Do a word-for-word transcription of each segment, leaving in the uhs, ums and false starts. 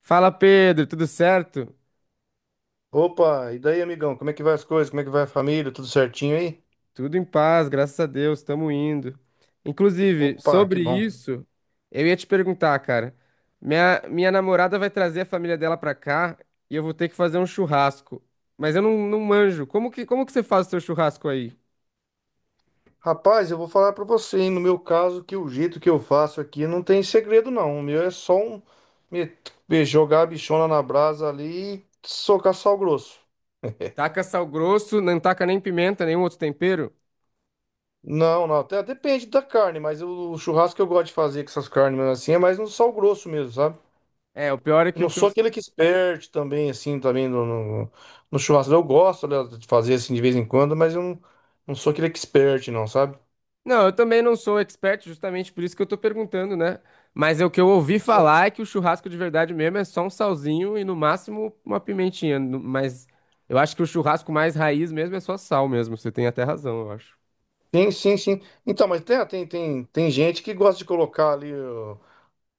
Fala Pedro, tudo certo? Opa, e daí, amigão? Como é que vai as coisas? Como é que vai a família? Tudo certinho aí? Tudo em paz, graças a Deus, estamos indo. Inclusive, Opa, que sobre bom. isso, eu ia te perguntar, cara. Minha, minha namorada vai trazer a família dela pra cá e eu vou ter que fazer um churrasco. Mas eu não, não manjo. Como que, como que você faz o seu churrasco aí? Rapaz, eu vou falar pra você, hein? No meu caso, que o jeito que eu faço aqui não tem segredo, não. O meu é só um me- me jogar a bichona na brasa ali e socar sal grosso. Taca sal grosso, não taca nem pimenta, nenhum outro tempero? Não, não, até depende da carne, mas eu- o churrasco que eu gosto de fazer com essas carnes mesmo assim é mais no sal grosso mesmo, sabe? É, o pior é Eu que não o que eu, sou aquele que experte também, assim, também no, no, no churrasco. Eu gosto, aliás, de fazer assim de vez em quando, mas eu não, não sou aquele expert, não, sabe? Não, eu também não sou expert, justamente por isso que eu tô perguntando, né? Mas é o que eu ouvi falar é que o churrasco de verdade mesmo é só um salzinho e no máximo uma pimentinha. No- Mas eu acho que o churrasco mais raiz mesmo é só sal mesmo. Você tem até razão, eu acho. Sim, sim, sim. Então, mas tem, tem, tem, tem gente que gosta de colocar ali ó,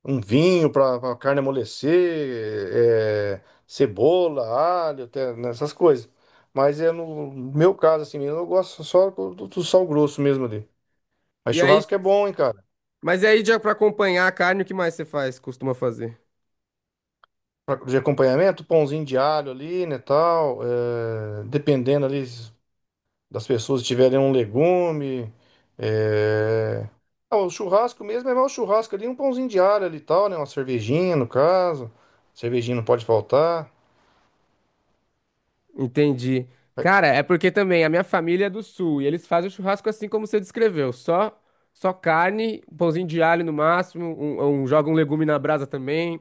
um vinho para a carne amolecer, é, cebola, alho, até nessas coisas. Mas é no meu caso, assim mesmo, eu gosto só do, do- do sal grosso mesmo ali. Mas E aí, churrasco é bom, hein, cara? mas e aí, já pra acompanhar a carne, o que mais você faz, costuma fazer? Pra- De acompanhamento, pãozinho de alho ali, né, tal. é, dependendo ali. Das pessoas tiverem um legume. é, Ah, o churrasco mesmo é mais o churrasco ali, um pãozinho de alho ali e tal, né? Uma cervejinha, no caso. Cervejinha não pode faltar. Entendi. Cara, é porque também a minha família é do sul e eles fazem o churrasco assim como você descreveu, só só carne, um pãozinho de alho no máximo, um, um- joga um legume na brasa também.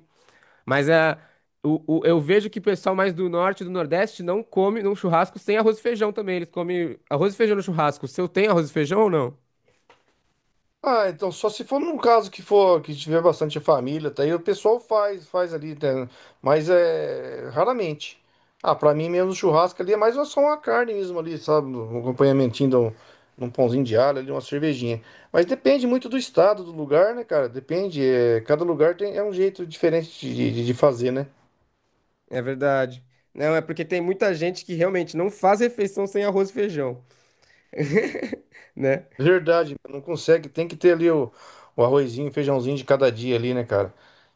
Mas é, o, o- eu vejo que o pessoal mais do norte e do nordeste não come num churrasco sem arroz e feijão também. Eles comem arroz e feijão no churrasco. O seu tem arroz e feijão ou não? Ah, então só se for num caso que for que tiver bastante família, tá aí o pessoal faz, faz ali, né? Mas é raramente. Ah, pra mim mesmo churrasco ali é mais só uma carne mesmo ali, sabe? Um acompanhamentinho de um, de um pãozinho de alho ali, uma cervejinha. Mas depende muito do estado, do lugar, né, cara? Depende. É, cada lugar tem, é um jeito diferente de, de de fazer, né? É verdade. Não, é porque tem muita gente que realmente não faz refeição sem arroz e feijão, né? Verdade, não consegue. Tem que ter ali o, o arrozinho, o feijãozinho de cada dia ali, né, cara?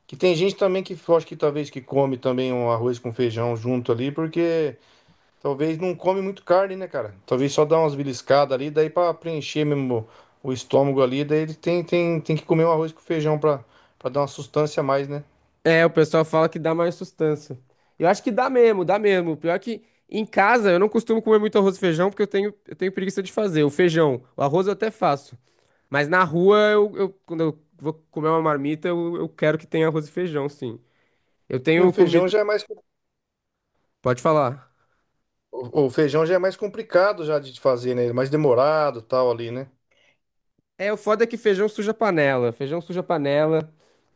Que tem gente também que eu acho que talvez que come também um arroz com feijão junto ali, porque talvez não come muito carne, né, cara? Talvez só dá umas beliscadas ali, daí pra preencher mesmo o estômago ali, daí ele tem, tem, tem que comer um arroz com feijão pra para dar uma sustância a mais, né? É, o pessoal fala que dá mais sustância. Eu acho que dá mesmo, dá mesmo. O pior é que em casa eu não costumo comer muito arroz e feijão porque eu tenho, eu tenho preguiça de fazer. O feijão, o arroz eu até faço. Mas na rua, eu, eu- quando eu vou comer uma marmita, eu, eu quero que tenha arroz e feijão, sim. Eu E tenho o feijão comido. já é mais Pode falar. o o feijão já é mais complicado já de fazer, né? Mais demorado, tal ali, né? É, o foda é que feijão suja a panela. Feijão suja a panela.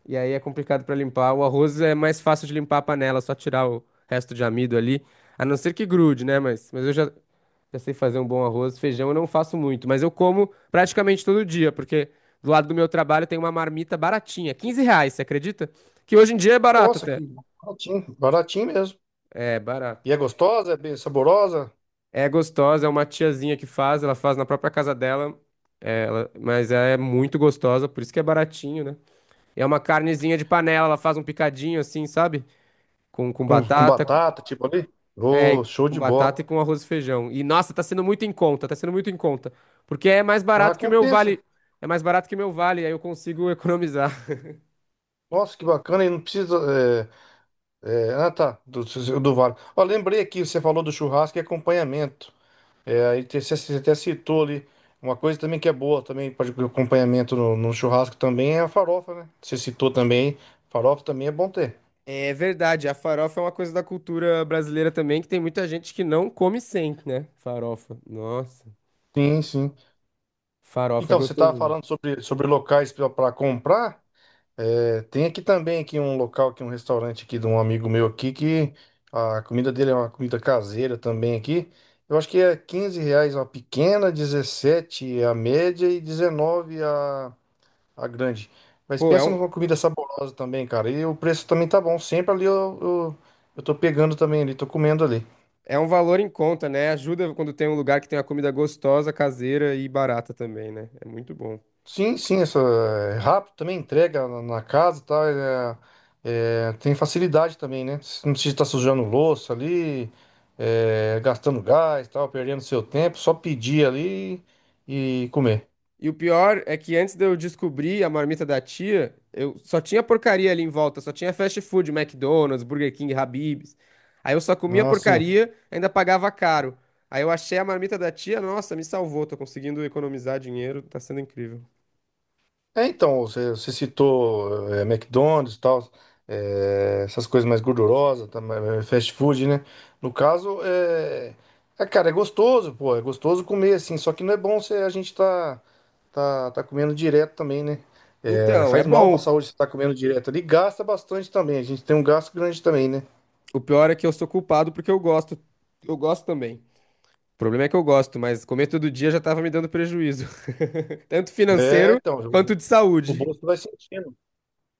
E aí é complicado pra limpar. O arroz é mais fácil de limpar a panela, só tirar o resto de amido ali. A não ser que grude, né? Mas, mas eu já, já sei fazer um bom arroz. Feijão eu não faço muito, mas eu como praticamente todo dia, porque do lado do meu trabalho tem uma marmita baratinha, quinze reais, você acredita? Que hoje em dia é barato Nossa, até. que baratinho, baratinho mesmo. É, barato. E é gostosa? É bem saborosa? É gostosa, é uma tiazinha que faz, ela faz na própria casa dela, é, ela- mas ela é muito gostosa, por isso que é baratinho, né? É uma carnezinha de panela, ela faz um picadinho assim, sabe? Com, com Com, com batata, batata, tipo ali? é, Ô, show com de bola. batata e com arroz e feijão. E nossa, tá sendo muito em conta, tá sendo muito em conta, porque é mais Ah, barato que o meu compensa. vale, é mais barato que o meu vale, aí eu consigo economizar. Nossa, que bacana. E não precisa. É, é, ah, tá. Do, do Vale. Ó, lembrei aqui, você falou do churrasco e acompanhamento. É, aí te- você, você até citou ali. Uma coisa também que é boa também para acompanhamento no, no churrasco também é a farofa, né? Você citou também. Farofa também é bom ter. É verdade, a farofa é uma coisa da cultura brasileira também, que tem muita gente que não come sem, né? Farofa, nossa, Sim, sim. farofa é Então, você estava gostosinho. falando sobre, sobre locais para comprar. É, tem aqui também aqui um local aqui um restaurante aqui de um amigo meu aqui que a comida dele é uma comida caseira também aqui. Eu acho que é quinze reais a pequena, dezessete a média e dezenove a, a grande. Mas Pô, é pensa um, numa comida saborosa também, cara. E o preço também tá bom. Sempre ali eu, eu, eu tô pegando também ali, tô comendo ali. É um valor em conta, né? Ajuda quando tem um lugar que tem uma comida gostosa, caseira e barata também, né? É muito bom. Sim, sim, essa é rápido também, entrega na na casa, tá é- é, tem facilidade também, né? Você não precisa estar sujando louça ali, é, gastando gás, tal, perdendo seu tempo, só pedir ali e comer. E o pior é que antes de eu descobrir a marmita da tia, eu só tinha porcaria ali em volta, só tinha fast food, McDonald's, Burger King, Habib's. Aí eu só comia Não, assim. porcaria, ainda pagava caro. Aí eu achei a marmita da tia, nossa, me salvou, tô conseguindo economizar dinheiro, tá sendo incrível. É, então, você, você citou é, McDonald's e tal, é, essas coisas mais gordurosas, tá, mais- mais fast food, né? No caso, é, é, cara, é gostoso, pô, é gostoso comer assim, só que não é bom se a gente tá, tá, tá comendo direto também, né? É, Então, é faz mal pra bom. saúde se tá comendo direto ali, gasta bastante também, a gente tem um gasto grande também, né? O pior é que eu sou culpado porque eu gosto, eu gosto também. O problema é que eu gosto, mas comer todo dia já estava me dando prejuízo. Tanto É, financeiro então, quanto o, de o saúde. bolso vai sentindo.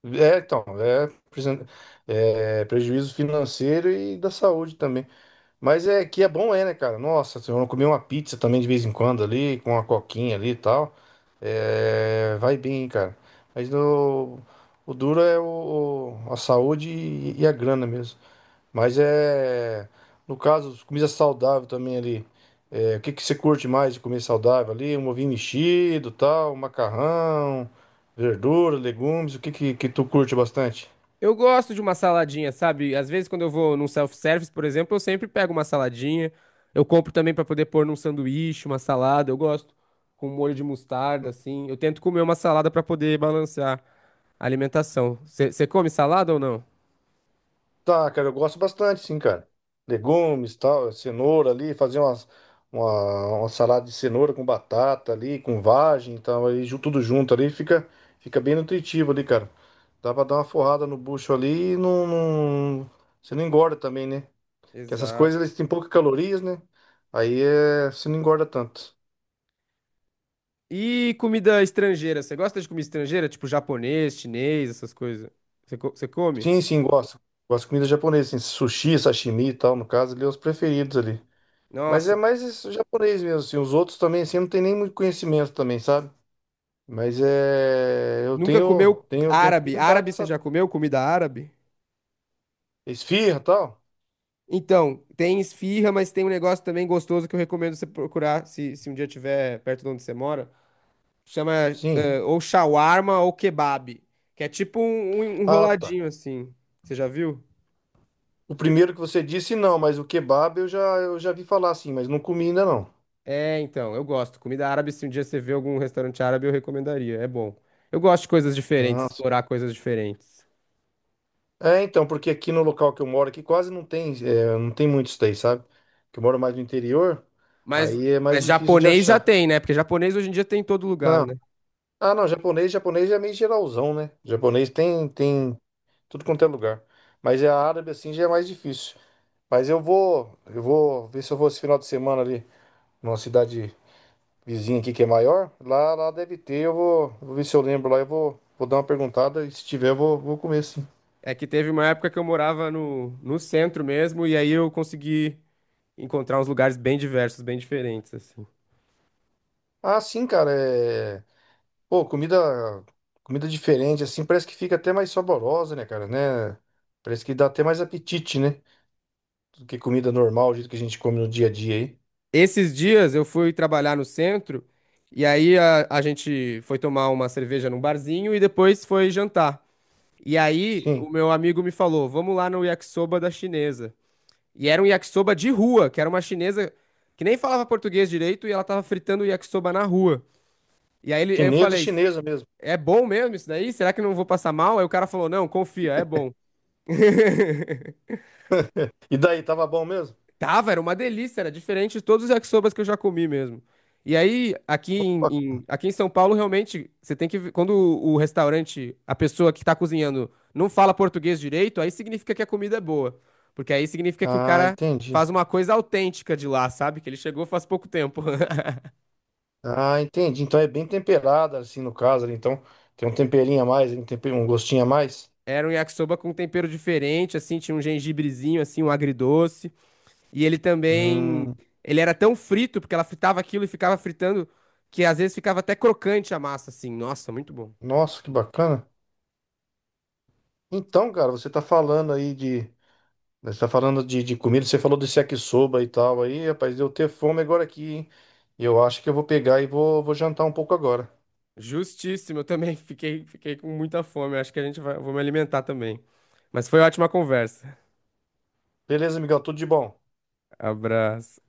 É, então, é, presen- é prejuízo financeiro e da saúde também. Mas é que é bom, é, né, cara? Nossa, se eu comer uma pizza também de vez em quando ali, com uma coquinha ali e tal, é, vai bem, hein, cara. Mas no, o duro é o, a saúde e, e a grana mesmo. Mas é, no caso, comida saudável também ali. É, o que que você curte mais de comer saudável ali? Um ovinho mexido, tal, um macarrão, verdura, legumes, o que que, que tu curte bastante? Eu gosto de uma saladinha, sabe? Às vezes, quando eu vou num self-service, por exemplo, eu sempre pego uma saladinha. Eu compro também para poder pôr num sanduíche, uma salada. Eu gosto com um molho de mostarda, assim. Eu tento comer uma salada para poder balancear a alimentação. Você come salada ou não? Tá, cara, eu gosto bastante, sim, cara. Legumes, tal, cenoura ali, fazer umas, uma, uma salada de cenoura com batata ali, com vagem, então aí ju- tudo junto ali, fica, fica bem nutritivo ali, cara. Dá pra dar uma forrada no bucho ali e não, não- você não engorda também, né? Que essas coisas, Exato. eles têm poucas calorias, né? Aí é, você não engorda tanto. E comida estrangeira? Você gosta de comida estrangeira? Tipo japonês, chinês, essas coisas? Você come? Sim, sim, gosto. Gosto de comida japonesa, assim, sushi, sashimi e tal, no caso, ali, é os preferidos ali. Mas é Nossa. mais isso, japonês mesmo, assim. Os outros também, assim, eu não tenho nem muito conhecimento também, sabe? Mas é. Eu Nunca tenho, comeu tenho, tenho árabe? Árabe curiosidade, você sabe? já comeu? Comida árabe? Esfirra tal? Então, tem esfirra, mas tem um negócio também gostoso que eu recomendo você procurar se, se um dia tiver perto de onde você mora. Chama Sim. eh, ou shawarma ou kebab, que é tipo um, um um Ah, tá. enroladinho assim. Você já viu? O primeiro que você disse, não, mas o kebab eu já, eu já vi falar assim, mas não comi ainda não. É, então, eu gosto. Comida árabe, se um dia você vê algum restaurante árabe, eu recomendaria. É bom. Eu gosto de coisas diferentes, Nossa. explorar coisas diferentes. É, então, porque aqui no local que eu moro, aqui quase não tem, é, não tem muito isso daí, sabe? Que eu moro mais no interior, Mas, aí é mais mas difícil de japonês já achar. tem, né? Porque japonês hoje em dia tem em todo lugar, Não. né? Ah, não, japonês, japonês é meio geralzão, né? Japonês tem, tem. Tudo quanto é lugar. Mas é a árabe assim já é mais difícil. Mas eu vou, eu vou ver se eu vou esse final de semana ali numa cidade vizinha aqui que é maior. Lá, lá deve ter, eu vou, vou ver se eu lembro lá, eu vou, vou dar uma perguntada e se tiver eu vou, vou comer sim. É que teve uma época que eu morava no, no centro mesmo, e aí eu consegui encontrar uns lugares bem diversos, bem diferentes, assim. Ah, sim, cara, é, pô, comida comida diferente assim, parece que fica até mais saborosa, né, cara, né? Parece que dá até mais apetite, né? Do que comida normal, o jeito que a gente come no dia a dia aí. Esses dias eu fui trabalhar no centro, e aí a, a gente foi tomar uma cerveja num barzinho e depois foi jantar. E aí o Sim. meu amigo me falou: vamos lá no yakisoba da chinesa. E era um yakisoba de rua, que era uma chinesa que nem falava português direito, e ela tava fritando o yakisoba na rua. E aí ele- eu Chinesa, falei, Chinesa mesmo. é bom mesmo isso daí? Será que eu não vou passar mal? Aí o cara falou, não, confia, é bom. E daí, tava bom mesmo? Tava, era uma delícia, era diferente de todos os yakisobas que eu já comi mesmo. E aí, aqui em, em- aqui em São Paulo, realmente, você tem que. ver- Quando o o restaurante, a pessoa que tá cozinhando, não fala português direito, aí significa que a comida é boa. Porque aí significa que o Ah, cara entendi. faz uma coisa autêntica de lá, sabe? Que ele chegou faz pouco tempo. Ah, entendi. Então é bem temperada, assim, no caso, ali. Então tem um temperinho a mais, um tempe- um gostinho a mais. Era um yakisoba com tempero diferente, assim, tinha um gengibrezinho, assim, um agridoce. E ele também, Hum, ele era tão frito, porque ela fritava aquilo e ficava fritando, que às vezes ficava até crocante a massa, assim. Nossa, muito bom. nossa, que bacana. Então, cara, você tá falando aí de. Você tá falando de, de comida, você falou desse yakisoba e tal. Aí, rapaz, deu ter fome agora aqui, hein? Eu acho que eu vou pegar e vou, vou jantar um pouco agora. Justíssimo, eu também fiquei, fiquei com muita fome. Acho que a gente vai, vou me alimentar também. Mas foi ótima conversa. Beleza, Miguel, tudo de bom. Abraço.